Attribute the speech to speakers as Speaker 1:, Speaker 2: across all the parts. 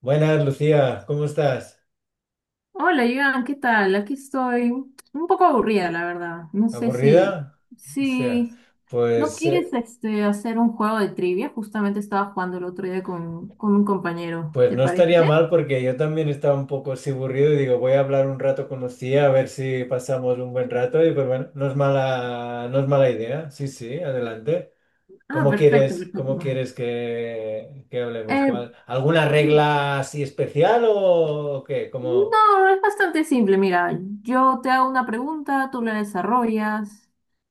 Speaker 1: Buenas, Lucía, ¿cómo estás?
Speaker 2: Hola, Iván, ¿qué tal? Aquí estoy un poco aburrida, la verdad. No sé si,
Speaker 1: ¿Aburrida? O sea,
Speaker 2: si no
Speaker 1: pues, eh,
Speaker 2: quieres este, hacer un juego de trivia. Justamente estaba jugando el otro día con un compañero.
Speaker 1: pues
Speaker 2: ¿Te
Speaker 1: no estaría
Speaker 2: parece?
Speaker 1: mal porque yo también estaba un poco así aburrido y digo, voy a hablar un rato con Lucía a ver si pasamos un buen rato y pues bueno, no es mala, no es mala idea. Sí, sí, adelante.
Speaker 2: Ah, perfecto, perfecto.
Speaker 1: Cómo quieres que hablemos?
Speaker 2: Eh,
Speaker 1: ¿Cuál? ¿Alguna regla así especial o qué? ¿Cómo?
Speaker 2: no, es bastante simple. Mira, yo te hago una pregunta, tú la desarrollas,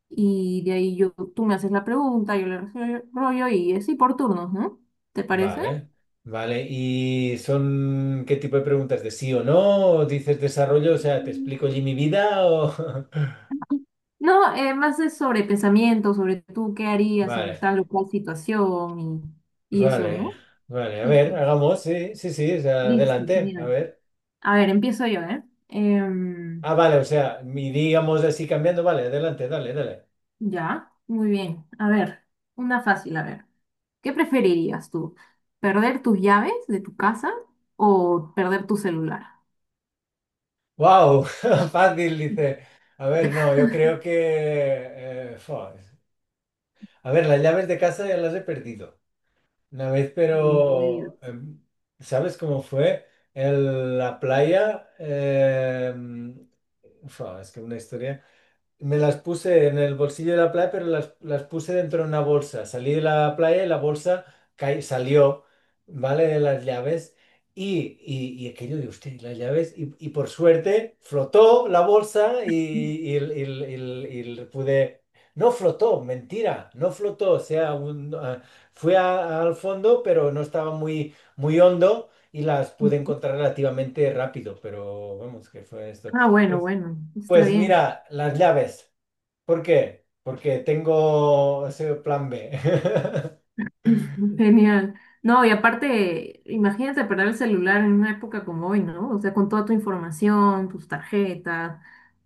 Speaker 2: y de ahí yo, tú me haces la pregunta, yo la desarrollo y así por turnos, ¿no? ¿Te parece?
Speaker 1: Vale, vale. ¿Y son qué tipo de preguntas? ¿De sí o no? ¿O dices desarrollo? O sea, ¿te explico allí mi vida? O…
Speaker 2: No, más es sobre pensamiento, sobre tú qué harías en
Speaker 1: Vale,
Speaker 2: tal o cual situación y eso,
Speaker 1: vale,
Speaker 2: ¿no?
Speaker 1: vale. A
Speaker 2: Sí,
Speaker 1: ver,
Speaker 2: sí.
Speaker 1: hagamos, sí, sí, sí, o sea,
Speaker 2: Listo,
Speaker 1: adelante, a
Speaker 2: genial.
Speaker 1: ver.
Speaker 2: A ver, empiezo yo, ¿eh? Em,
Speaker 1: Ah, vale, o sea, mi digamos así cambiando, vale, adelante, dale, dale.
Speaker 2: ya, muy bien. A ver, una fácil, a ver. ¿Qué preferirías tú? ¿Perder tus llaves de tu casa o perder tu celular?
Speaker 1: ¡Wow! Fácil, dice. A ver, no, yo creo que… fua. A ver, las llaves de casa ya las he perdido. Una vez,
Speaker 2: Bien, muy
Speaker 1: pero
Speaker 2: bien.
Speaker 1: ¿sabes cómo fue? En la playa, fua, es que una historia. Me las puse en el bolsillo de la playa, pero las puse dentro de una bolsa. Salí de la playa y la bolsa salió, ¿vale? De las llaves. Y aquello de usted, las llaves. Y por suerte flotó la bolsa y, el- y el- y el- y el- pude… No flotó, mentira, no flotó. O sea, fui al fondo, pero no estaba muy, muy hondo y las pude encontrar relativamente rápido. Pero vamos, que fue esto?
Speaker 2: Ah, bueno,
Speaker 1: Pues
Speaker 2: bueno, está
Speaker 1: pues
Speaker 2: bien.
Speaker 1: mira, las llaves. ¿Por qué? Porque tengo ese plan B.
Speaker 2: Genial. No, y aparte, imagínate perder el celular en una época como hoy, ¿no? O sea, con toda tu información, tus tarjetas,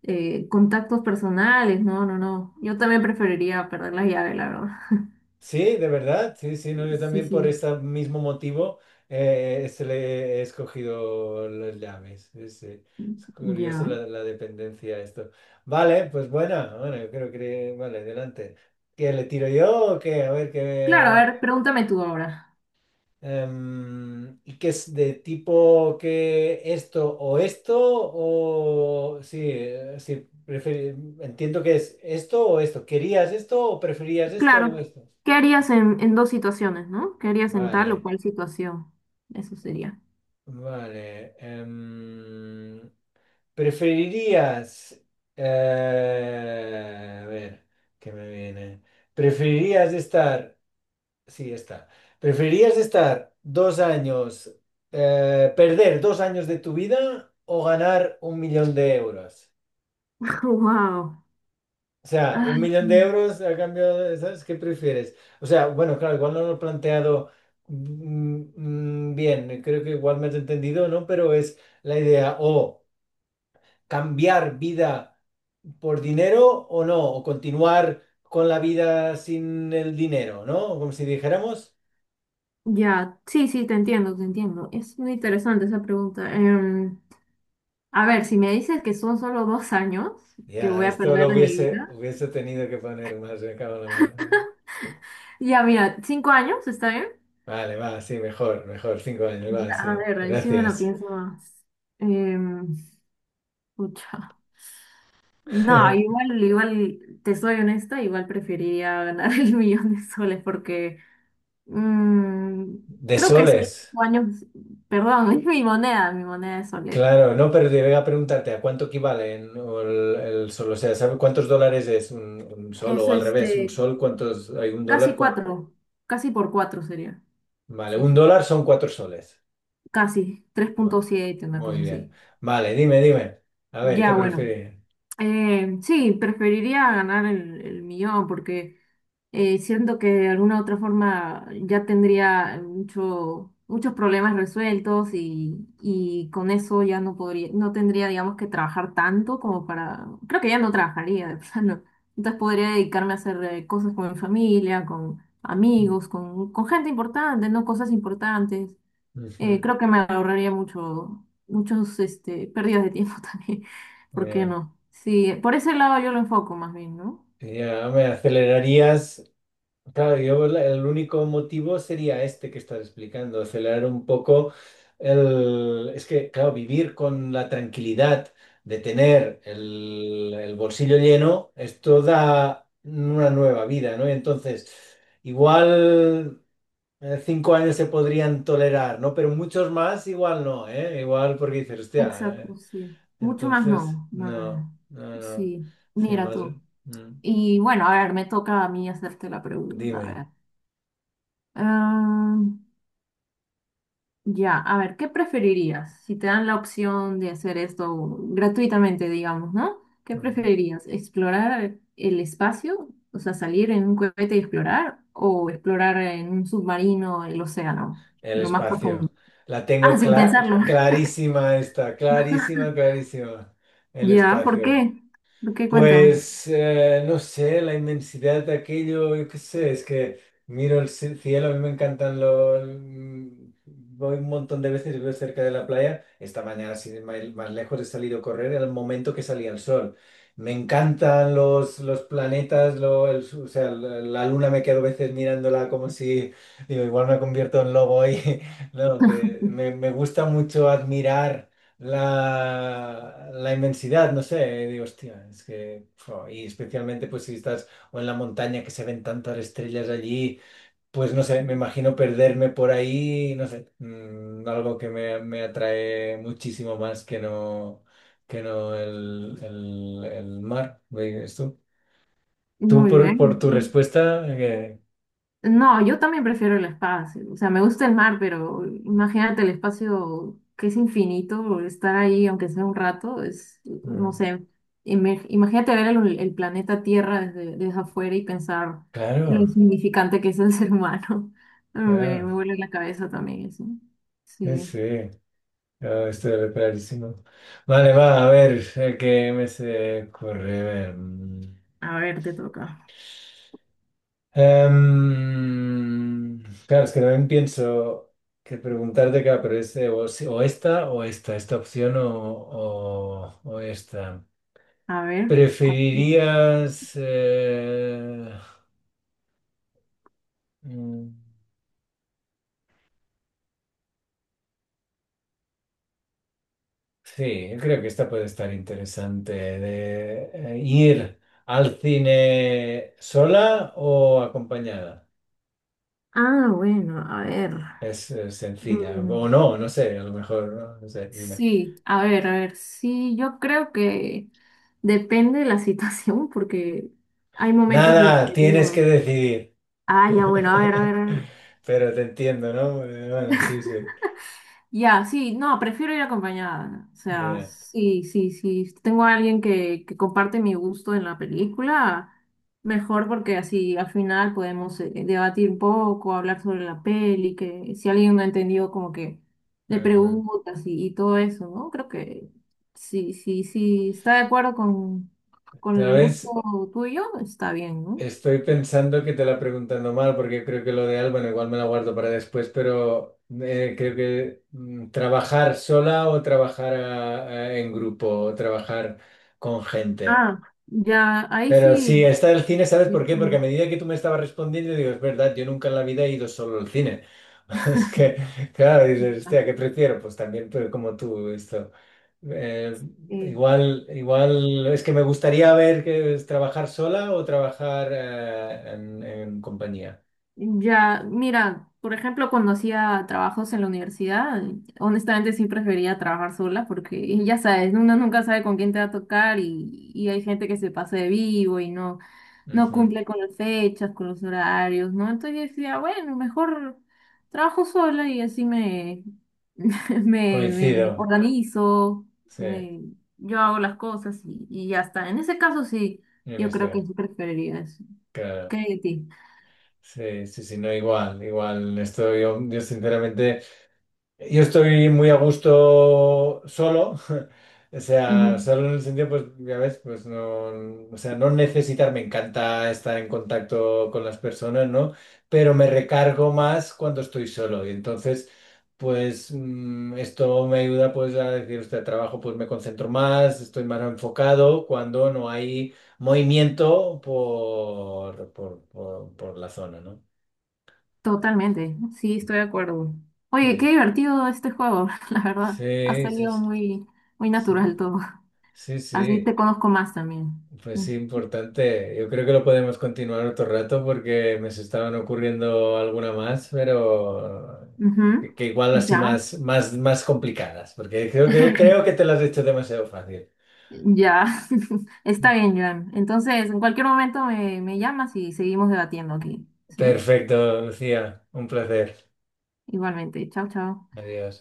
Speaker 2: contactos personales, no, no, no. Yo también preferiría perder las llaves, la verdad.
Speaker 1: Sí, de verdad. Sí, sí, no, yo
Speaker 2: Sí,
Speaker 1: también por
Speaker 2: sí,
Speaker 1: este mismo motivo se le he escogido las llaves. Sí, sí. Es curioso
Speaker 2: ya.
Speaker 1: la dependencia a esto. Vale, pues buena. Bueno, yo creo que… Vale, adelante. ¿Qué le tiro yo o qué? A ver
Speaker 2: Claro, a
Speaker 1: qué…
Speaker 2: ver, pregúntame tú ahora.
Speaker 1: ¿Y qué es de tipo que esto o esto? O sí, sí, entiendo que es esto o esto. ¿Querías esto o preferías esto o
Speaker 2: Claro,
Speaker 1: esto?
Speaker 2: ¿qué harías en, dos situaciones, ¿no? ¿Qué harías en tal o
Speaker 1: Vale,
Speaker 2: cual situación? Eso sería.
Speaker 1: vale. ¿Preferirías… a ver, ¿qué me viene? ¿Preferirías estar… Sí, está. ¿Preferirías estar 2 años, perder 2 años de tu vida o ganar 1 millón de euros?
Speaker 2: Wow.
Speaker 1: O sea, 1 millón de euros a cambio de, ¿sabes qué prefieres? O sea, bueno, claro, igual no lo he planteado mm, bien, creo que igual me has entendido, ¿no? Pero es la idea, o cambiar vida por dinero o no, o continuar con la vida sin el dinero, ¿no? Como si dijéramos.
Speaker 2: Ya, sí, sí, te entiendo, te entiendo. Es muy interesante esa pregunta. A ver, si me dices que son solo 2 años que
Speaker 1: Ya,
Speaker 2: voy a
Speaker 1: esto
Speaker 2: perder
Speaker 1: lo
Speaker 2: de mi
Speaker 1: hubiese,
Speaker 2: vida.
Speaker 1: hubiese tenido que poner más, me cago en la mano. ¿No?
Speaker 2: Ya, mira, 5 años, ¿está bien?
Speaker 1: Vale, va, sí, mejor, mejor, 5 años, va,
Speaker 2: Ya,
Speaker 1: sí,
Speaker 2: a ver, ahí sí me la
Speaker 1: gracias.
Speaker 2: pienso más. Em, pucha. No, igual, igual, te soy honesta, igual preferiría ganar el millón de soles porque mm,
Speaker 1: De
Speaker 2: creo que sí,
Speaker 1: soles,
Speaker 2: 5 años, perdón, es mi moneda de soles.
Speaker 1: claro, no, pero te voy a preguntarte, ¿a cuánto equivale o el sol? O sea, ¿sabes cuántos dólares es un sol?
Speaker 2: Es
Speaker 1: O al revés, un
Speaker 2: este,
Speaker 1: sol, ¿cuántos hay un dólar?
Speaker 2: casi
Speaker 1: Cua-
Speaker 2: cuatro, casi por cuatro sería.
Speaker 1: Vale,
Speaker 2: Sí,
Speaker 1: un
Speaker 2: sí.
Speaker 1: dólar son 4 soles.
Speaker 2: Casi, tres punto
Speaker 1: Va,
Speaker 2: siete una
Speaker 1: muy
Speaker 2: cosa
Speaker 1: bien.
Speaker 2: así.
Speaker 1: Vale, dime, dime. A ver, ¿qué
Speaker 2: Ya, bueno.
Speaker 1: prefieres?
Speaker 2: Sí, preferiría ganar el millón porque siento que de alguna otra forma ya tendría mucho, muchos problemas resueltos y con eso ya no podría, no tendría, digamos, que trabajar tanto como para, creo que ya no trabajaría de plano. Entonces podría dedicarme a hacer cosas con mi familia, con amigos, con gente importante, no cosas importantes.
Speaker 1: Ujú,
Speaker 2: Creo que me ahorraría mucho, muchos, este, pérdidas de tiempo también. ¿Por qué
Speaker 1: ya,
Speaker 2: no? Sí, por ese lado yo lo enfoco más bien, ¿no?
Speaker 1: ya, me acelerarías. Claro, yo el único motivo sería este que estás explicando, acelerar un poco el… Es que, claro, vivir con la tranquilidad de tener el bolsillo lleno, esto da una nueva vida, ¿no? Y entonces, igual 5 años se podrían tolerar, ¿no? Pero muchos más igual no, ¿eh? Igual porque dices, hostia,
Speaker 2: Exacto,
Speaker 1: ¿eh?
Speaker 2: sí. Mucho más
Speaker 1: Entonces,
Speaker 2: no. No, no,
Speaker 1: no,
Speaker 2: no.
Speaker 1: no, no.
Speaker 2: Sí,
Speaker 1: Sí,
Speaker 2: mira
Speaker 1: más…
Speaker 2: tú.
Speaker 1: mm,
Speaker 2: Y bueno, a ver, me toca a mí hacerte la pregunta. A
Speaker 1: dime.
Speaker 2: ver. Ah, Ya, a ver, ¿qué preferirías? Si te dan la opción de hacer esto gratuitamente, digamos, ¿no? ¿Qué preferirías? ¿Explorar el espacio? O sea, salir en un cohete y explorar, o explorar en un submarino el océano,
Speaker 1: El
Speaker 2: lo más
Speaker 1: espacio.
Speaker 2: profundo.
Speaker 1: La
Speaker 2: Ah,
Speaker 1: tengo
Speaker 2: sin pensarlo.
Speaker 1: clarísima esta, clarísima, clarísima. El
Speaker 2: Ya, ¿por
Speaker 1: espacio.
Speaker 2: qué? ¿Por qué? Cuéntame.
Speaker 1: Pues no sé, la inmensidad de aquello, yo qué sé, es que miro el cielo, a mí me encantan los… voy un montón de veces y vivo cerca de la playa. Esta mañana, sin ir más lejos, he salido a correr al momento que salía el sol. Me encantan los planetas, o sea, la luna me quedo a veces mirándola como si, digo, igual me convierto en lobo ahí. No, que me gusta mucho admirar la inmensidad, no sé, digo, hostia, es que, jo, y especialmente pues si estás o en la montaña que se ven tantas estrellas allí, pues no sé, me imagino perderme por ahí, no sé, algo que me atrae muchísimo más que no el mar, ¿ves tú? Tú
Speaker 2: Muy
Speaker 1: por
Speaker 2: bien.
Speaker 1: tu respuesta, que,
Speaker 2: No, yo también prefiero el espacio. O sea, me gusta el mar, pero imagínate el espacio que es infinito, estar ahí aunque sea un rato, es, no
Speaker 1: mm,
Speaker 2: sé, imagínate ver el planeta Tierra desde, desde afuera y pensar lo
Speaker 1: claro,
Speaker 2: insignificante que es el ser humano. Me
Speaker 1: claro,
Speaker 2: vuelve la cabeza también eso.
Speaker 1: sí.
Speaker 2: Sí.
Speaker 1: sí. Ah, estoy clarísimo. Vale, va, a ver, ¿qué me se ocurre? A ver,
Speaker 2: A ver, te toca.
Speaker 1: claro, es que también pienso que preguntarte, claro, pero es o, o esta, esta opción o o esta.
Speaker 2: A ver. ¿Cuál te toca?
Speaker 1: ¿Preferirías… mm, sí, yo creo que esta puede estar interesante, de ir al cine sola o acompañada?
Speaker 2: Ah, bueno, a ver.
Speaker 1: Es, sencilla. O
Speaker 2: Mm.
Speaker 1: no, no sé, a lo mejor, no, no sé, dime.
Speaker 2: Sí, a ver, sí, yo creo que depende de la situación porque hay momentos de
Speaker 1: Nada,
Speaker 2: que
Speaker 1: tienes que
Speaker 2: uno,
Speaker 1: decidir.
Speaker 2: ah, ya, bueno, a ver, a ver, a ver.
Speaker 1: Pero te entiendo, ¿no? Bueno, sí, sí.
Speaker 2: Ya, sí, no, prefiero ir acompañada. O sea,
Speaker 1: Bien.
Speaker 2: sí, sí, sí. Si tengo a alguien que comparte mi gusto en la película, mejor porque así al final podemos debatir un poco, hablar sobre la peli, que si alguien no ha entendido, como que le
Speaker 1: Ujú.
Speaker 2: preguntas y todo eso, ¿no? Creo que sí, sí, sí, está de acuerdo con, el gusto
Speaker 1: ¿Sabes?
Speaker 2: tuyo, está bien, ¿no?
Speaker 1: Estoy pensando que te la preguntando mal porque creo que lo de Al, bueno, igual me la guardo para después, pero creo que trabajar sola o trabajar en grupo o trabajar con gente.
Speaker 2: Ah, ya, ahí
Speaker 1: Pero sí,
Speaker 2: sí.
Speaker 1: está el cine, ¿sabes
Speaker 2: Sí,
Speaker 1: por qué?
Speaker 2: está
Speaker 1: Porque a
Speaker 2: bien.
Speaker 1: medida que tú me estabas respondiendo, digo, es verdad, yo nunca en la vida he ido solo al cine. Es que, claro, dices,
Speaker 2: Ya,
Speaker 1: hostia, ¿qué prefiero? Pues también, pero como tú, esto. Eh,
Speaker 2: eh,
Speaker 1: igual, igual, es que me gustaría ver que es trabajar sola o trabajar en compañía.
Speaker 2: ya, mira, por ejemplo, cuando hacía trabajos en la universidad, honestamente sí prefería trabajar sola porque ya sabes, uno nunca sabe con quién te va a tocar y hay gente que se pasa de vivo y no, no
Speaker 1: Ujú.
Speaker 2: cumple con las fechas, con los horarios, ¿no? Entonces yo decía, bueno, mejor trabajo sola y así me me,
Speaker 1: Coincido,
Speaker 2: me organizo,
Speaker 1: sí,
Speaker 2: me- yo hago las cosas y ya está. En ese caso sí,
Speaker 1: en
Speaker 2: yo creo que
Speaker 1: este,
Speaker 2: sí preferiría eso. ¿Qué
Speaker 1: claro.
Speaker 2: hay de ti?
Speaker 1: Sí, sí, sí, no, igual, igual, esto yo sinceramente. Yo estoy muy a gusto solo, o sea,
Speaker 2: Ujú.
Speaker 1: solo en el sentido, pues, ya ves, pues no, o sea, no necesitar, me encanta estar en contacto con las personas, ¿no? Pero me recargo más cuando estoy solo y entonces, pues, esto me ayuda, pues, a decir, este trabajo, pues, me concentro más, estoy más enfocado cuando no hay movimiento por la zona, ¿no?
Speaker 2: Totalmente, sí, estoy de acuerdo. Oye, qué
Speaker 1: Sí,
Speaker 2: divertido este juego, la verdad. Ha
Speaker 1: sí, sí,
Speaker 2: salido muy, muy
Speaker 1: sí,
Speaker 2: natural todo.
Speaker 1: sí,
Speaker 2: Así te
Speaker 1: sí.
Speaker 2: conozco más también.
Speaker 1: Pues
Speaker 2: Mm.
Speaker 1: sí, importante. Yo creo que lo podemos continuar otro rato porque me se estaban ocurriendo alguna más, pero
Speaker 2: Ujú,
Speaker 1: que igual así
Speaker 2: ya,
Speaker 1: más, más, más complicadas, porque creo que te las has hecho demasiado fácil.
Speaker 2: ya. Está bien, Joan. Entonces, en cualquier momento me llamas y seguimos debatiendo aquí, ¿sí?
Speaker 1: Perfecto, Lucía. Un placer.
Speaker 2: Igualmente. Chao, chao.
Speaker 1: Adiós.